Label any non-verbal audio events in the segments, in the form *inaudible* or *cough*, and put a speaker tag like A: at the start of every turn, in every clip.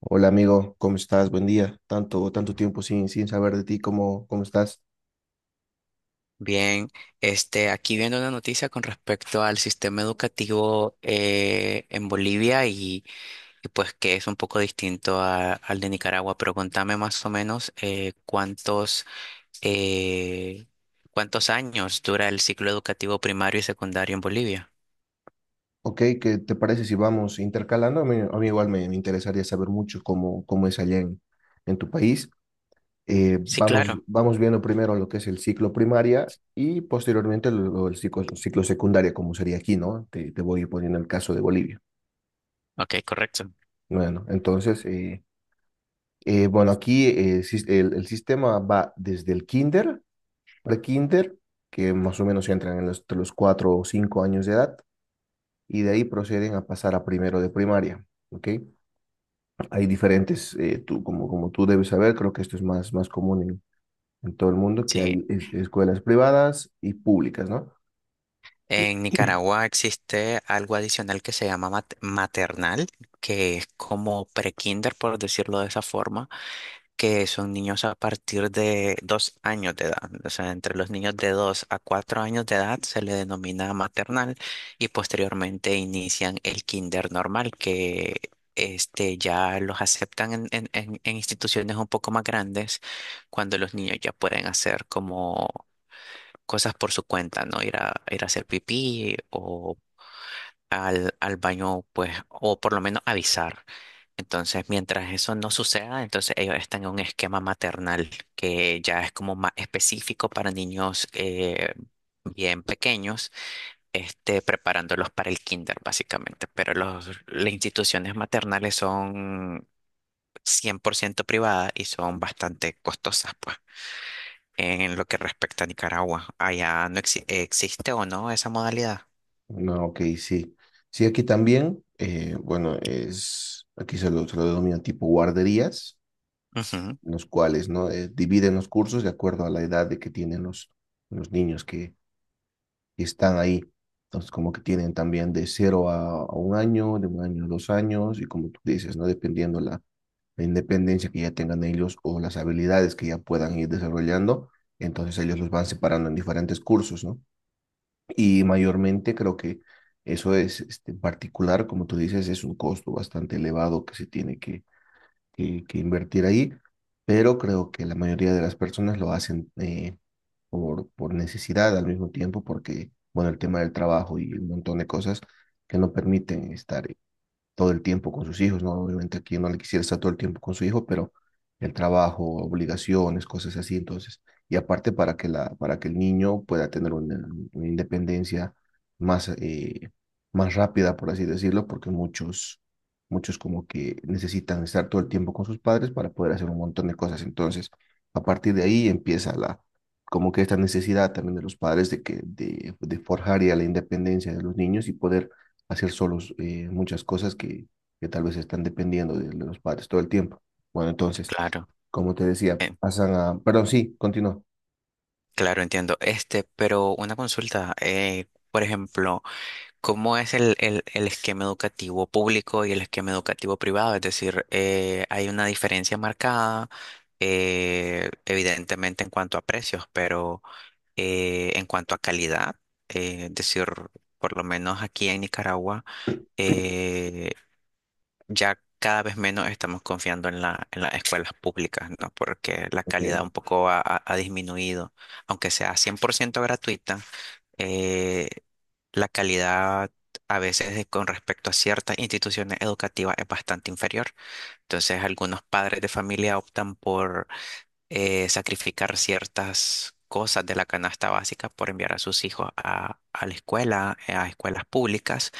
A: Hola amigo, ¿cómo estás? Buen día. Tanto tiempo sin saber de ti, ¿cómo estás?
B: Bien, aquí viendo una noticia con respecto al sistema educativo en Bolivia y pues que es un poco distinto al de Nicaragua, pero contame más o menos eh, cuántos años dura el ciclo educativo primario y secundario en Bolivia.
A: Ok, ¿qué te parece si vamos intercalando? A mí igual me interesaría saber mucho cómo es allá en tu país. Eh,
B: Sí,
A: vamos,
B: claro.
A: vamos viendo primero lo que es el ciclo primaria y posteriormente el ciclo secundaria, como sería aquí, ¿no? Te voy poniendo el caso de Bolivia.
B: Ok, correcto.
A: Bueno, entonces, bueno, aquí el sistema va desde el kinder de kinder, que más o menos entran en los, entre los 4 o 5 años de edad, y de ahí proceden a pasar a primero de primaria. ¿Ok? Hay diferentes, tú, como tú debes saber, creo que esto es más común en todo el mundo, que
B: Sí,
A: hay escuelas privadas y públicas, ¿no?
B: en Nicaragua existe algo adicional que se llama maternal, que es como pre-kinder, por decirlo de esa forma que son niños a partir de 2 años de edad. O sea, entre los niños de 2 a 4 años de edad se le denomina maternal y posteriormente inician el kinder normal, que ya los aceptan en instituciones un poco más grandes cuando los niños ya pueden hacer como cosas por su cuenta, ¿no? Ir a hacer pipí o... Al baño, pues, o por lo menos avisar. Entonces, mientras eso no suceda, entonces ellos están en un esquema maternal que ya es como más específico para niños bien pequeños, preparándolos para el kinder, básicamente. Pero las instituciones maternales son 100% privadas y son bastante costosas, pues, en lo que respecta a Nicaragua. Allá no existe o no esa modalidad.
A: No, ok, sí. Sí, aquí también, bueno, es, aquí se lo denomina tipo guarderías,
B: Ujú,
A: en los cuales, ¿no? Dividen los cursos de acuerdo a la edad de que tienen los niños que, y están ahí. Entonces, como que tienen también de cero a un año, de un año a dos años, y como tú dices, ¿no? Dependiendo la independencia que ya tengan ellos o las habilidades que ya puedan ir desarrollando, entonces ellos los van separando en diferentes cursos, ¿no? Y mayormente creo que eso es, este, en particular, como tú dices, es un costo bastante elevado que se tiene que invertir ahí, pero creo que la mayoría de las personas lo hacen por necesidad al mismo tiempo, porque, bueno, el tema del trabajo y un montón de cosas que no permiten estar todo el tiempo con sus hijos, ¿no? Obviamente aquí no le quisiera estar todo el tiempo con su hijo, pero el trabajo, obligaciones, cosas así, entonces, y aparte para que el niño pueda tener una independencia más, más rápida, por así decirlo, porque muchos como que necesitan estar todo el tiempo con sus padres para poder hacer un montón de cosas, entonces, a partir de ahí empieza la, como que esta necesidad también de los padres de de forjar ya la independencia de los niños y poder hacer solos muchas cosas que tal vez están dependiendo de los padres todo el tiempo. Bueno, entonces,
B: claro,
A: como te decía,
B: eh,
A: pasan a... Perdón, sí, continúo.
B: claro, entiendo. Pero una consulta, por ejemplo, ¿cómo es el esquema educativo público y el esquema educativo privado? Es decir, hay una diferencia marcada, evidentemente en cuanto a precios, pero en cuanto a calidad, es decir, por lo menos aquí en Nicaragua,
A: *clears throat*
B: eh, ya cada vez menos estamos confiando en en las escuelas públicas, ¿no? Porque la
A: Ok.
B: calidad un poco ha disminuido, aunque sea 100% gratuita eh, la calidad a veces con respecto a ciertas instituciones educativas es bastante inferior. Entonces, algunos padres de familia optan por sacrificar ciertas cosas de la canasta básica por enviar a sus hijos a la escuela, a escuelas públicas,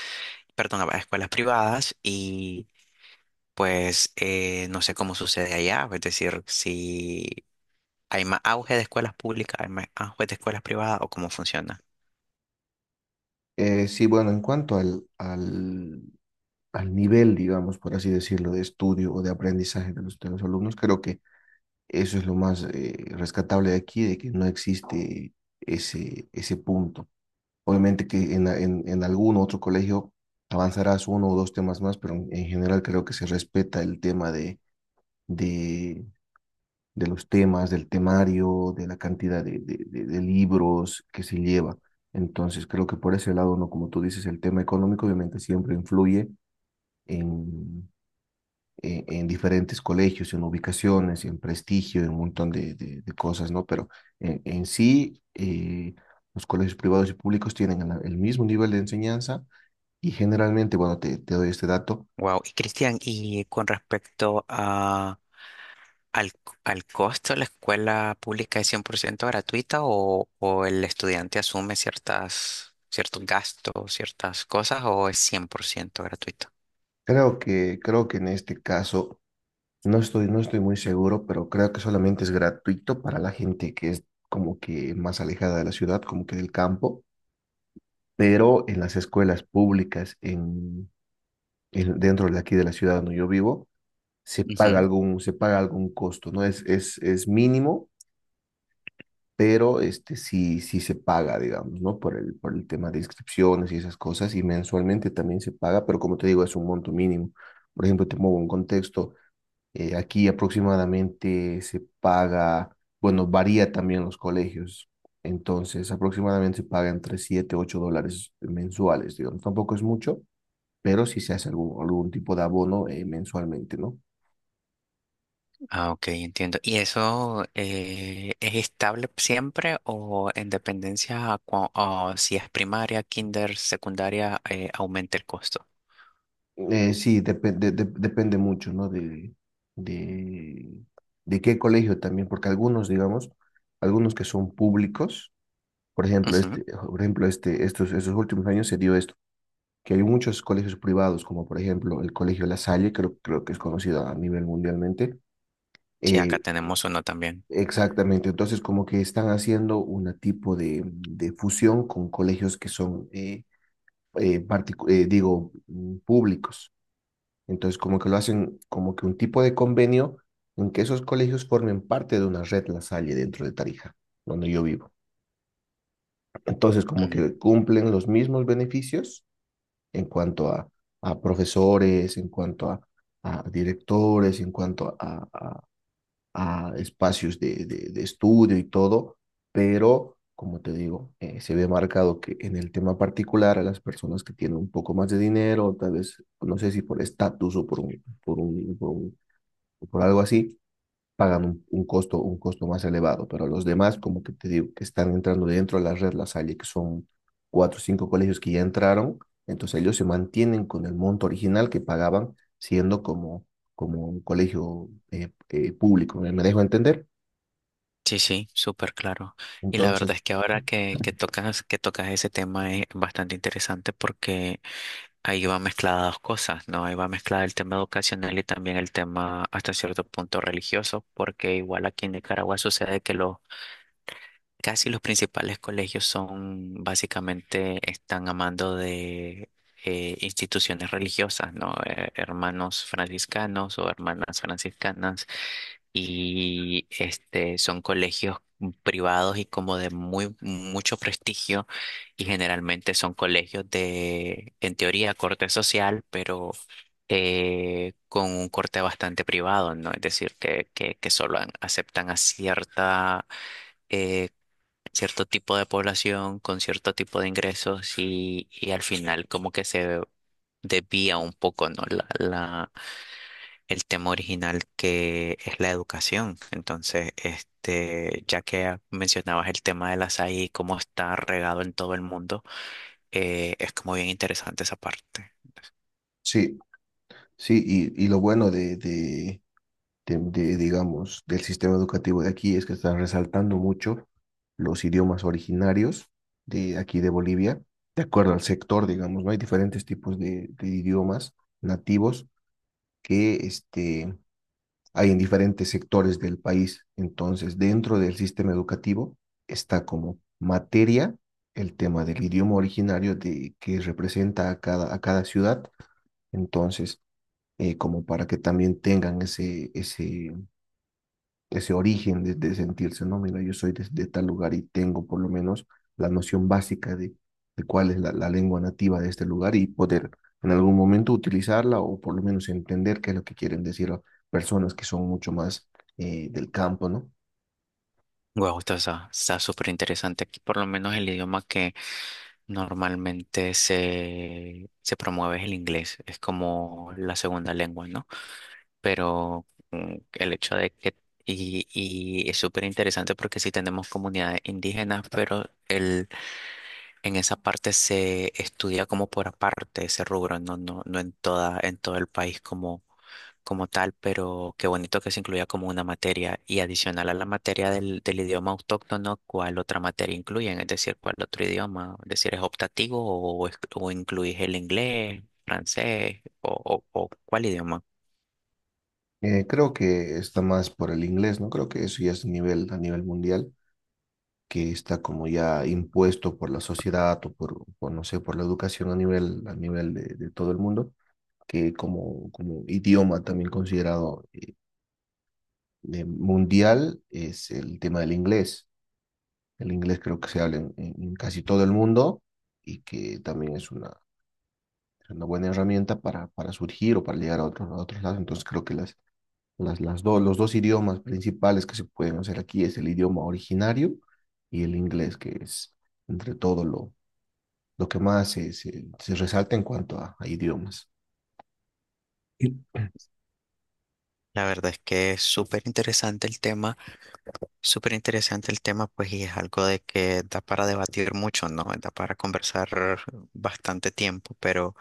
B: perdón, a escuelas privadas y pues no sé cómo sucede allá, es decir, si hay más auge de escuelas públicas, hay más auge de escuelas privadas o cómo funciona.
A: Sí, bueno, en cuanto al nivel, digamos, por así decirlo, de estudio o de aprendizaje de de los alumnos, creo que eso es lo más rescatable de aquí, de que no existe ese punto. Obviamente que en algún otro colegio avanzarás uno o dos temas más, pero en general creo que se respeta el tema de, de los temas, del temario, de la cantidad de libros que se lleva. Entonces, creo que por ese lado, ¿no? Como tú dices, el tema económico obviamente siempre influye en, en diferentes colegios, en ubicaciones, en prestigio, en un montón de cosas, ¿no? Pero en sí, los colegios privados y públicos tienen el mismo nivel de enseñanza y generalmente, bueno, te doy este dato.
B: Wow. Y Cristian, y con respecto al, al costo, ¿la escuela pública es 100% gratuita o el estudiante asume ciertos gastos, ciertas cosas o es 100% gratuito?
A: Creo que en este caso no estoy muy seguro, pero creo que solamente es gratuito para la gente que es como que más alejada de la ciudad, como que del campo, pero en las escuelas públicas dentro de aquí de la ciudad donde yo vivo,
B: Ujú.
A: se paga algún costo, ¿no? Es mínimo, pero este sí, sí se paga, digamos, ¿no? Por el tema de inscripciones y esas cosas, y mensualmente también se paga, pero como te digo, es un monto mínimo. Por ejemplo, te muevo un contexto. Aquí aproximadamente se paga, bueno, varía también los colegios. Entonces, aproximadamente se paga entre 7 y 8 dólares mensuales, digamos. Tampoco es mucho, pero sí se hace algún, algún tipo de abono mensualmente, ¿no?
B: Ah, ok, entiendo. ¿Y eso es estable siempre o en dependencia a o si es primaria, kinder, secundaria, aumenta el costo?
A: Depende mucho, ¿no? De, de qué colegio también, porque algunos, digamos, algunos que son públicos, por ejemplo,
B: Ujú.
A: este, estos últimos años se dio esto, que hay muchos colegios privados, como por ejemplo el Colegio La Salle, creo que es conocido a nivel mundialmente.
B: Sí, acá
A: eh,
B: tenemos uno también.
A: exactamente, entonces como que están haciendo una tipo de fusión con colegios que son, públicos. Entonces como que lo hacen como que un tipo de convenio en que esos colegios formen parte de una red La Salle dentro de Tarija, donde yo vivo. Entonces como que cumplen los mismos beneficios en cuanto a, a profesores, a directores, en cuanto a espacios estudio y todo, pero como te digo, se ve marcado que en el tema particular a las personas que tienen un poco más de dinero, tal vez, no sé si por estatus o por algo así, pagan un costo más elevado, pero los demás, como que te digo, que están entrando dentro de la red La Salle, que son cuatro o cinco colegios que ya entraron, entonces ellos se mantienen con el monto original que pagaban siendo como, como un colegio público, me dejo entender?
B: Sí, sí, súper claro. Y la verdad
A: Entonces,
B: es que ahora que tocas ese tema es bastante interesante porque ahí va mezclada dos cosas, ¿no? Ahí va mezclada el tema educacional y también el tema hasta cierto punto religioso, porque igual aquí en Nicaragua sucede que los casi los principales colegios son básicamente están amando de instituciones religiosas, ¿no? Hermanos franciscanos o hermanas franciscanas y son colegios privados y como de muy mucho prestigio y generalmente son colegios de en teoría corte social pero con un corte bastante privado no es decir que solo aceptan a cierta eh, cierto tipo de población con cierto tipo de ingresos y al final como que se desvía un poco no el tema original que es la educación. Entonces, ya que mencionabas el tema de las AI y cómo está regado en todo el mundo, es como bien interesante esa parte.
A: sí, sí, y lo bueno digamos, del sistema educativo de aquí es que están resaltando mucho los idiomas originarios de aquí de Bolivia, de acuerdo al sector, digamos, ¿no? Hay diferentes tipos de idiomas nativos que este, hay en diferentes sectores del país. Entonces, dentro del sistema educativo está como materia el tema del idioma originario de, que representa a a cada ciudad. Entonces, como para que también tengan ese origen de sentirse, no, mira, yo soy tal lugar y tengo por lo menos la noción básica de cuál es lengua nativa de este lugar y poder en algún momento utilizarla o por lo menos entender qué es lo que quieren decir a personas que son mucho más del campo, ¿no?
B: Wow, esto está súper interesante. Aquí por lo menos el idioma que normalmente se promueve es el inglés. Es como la segunda lengua, ¿no? Pero el hecho de que... Y es súper interesante porque sí tenemos comunidades indígenas, pero en esa parte se estudia como por aparte ese rubro, no, no, no en en todo el país como tal, pero qué bonito que se incluya como una materia y adicional a la materia del idioma autóctono, ¿cuál otra materia incluyen? Es decir, ¿cuál otro idioma? Es decir, ¿es optativo o, o incluís el inglés, francés o cuál idioma?
A: Creo que está más por el inglés, ¿no? Creo que eso ya es a nivel mundial, que está como ya impuesto por la sociedad o por no sé, por la educación a nivel de todo el mundo que como idioma también considerado mundial es el tema del inglés. El inglés creo que se habla en casi todo el mundo y que también es una buena herramienta para surgir o para llegar a a otros lados. Entonces creo que los dos idiomas principales que se pueden hacer aquí es el idioma originario y el inglés, que es entre todo lo que más se resalta en cuanto a idiomas.
B: La verdad es que es súper interesante el tema. Súper interesante el tema, pues, y es algo de que da para debatir mucho, ¿no? Da para conversar bastante tiempo, pero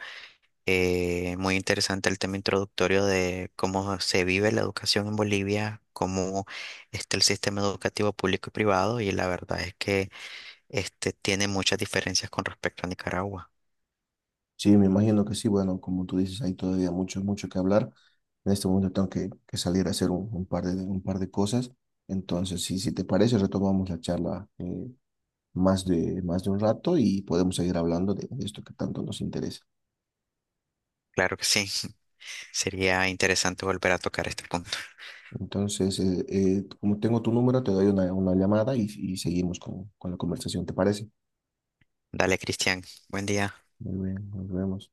B: muy interesante el tema introductorio de cómo se vive la educación en Bolivia, cómo está el sistema educativo público y privado, y la verdad es que este tiene muchas diferencias con respecto a Nicaragua.
A: Sí, me imagino que sí. Bueno, como tú dices, hay todavía mucho que hablar. En este momento tengo que salir a hacer un par de cosas. Entonces, sí, si te parece, retomamos la charla más de un rato y podemos seguir hablando de esto que tanto nos interesa.
B: Claro que sí, *laughs* sería interesante volver a tocar este punto.
A: Entonces, como tengo tu número, te doy una llamada y seguimos con la conversación, ¿te parece?
B: Dale, Cristian, buen día.
A: Muy bien, nos vemos.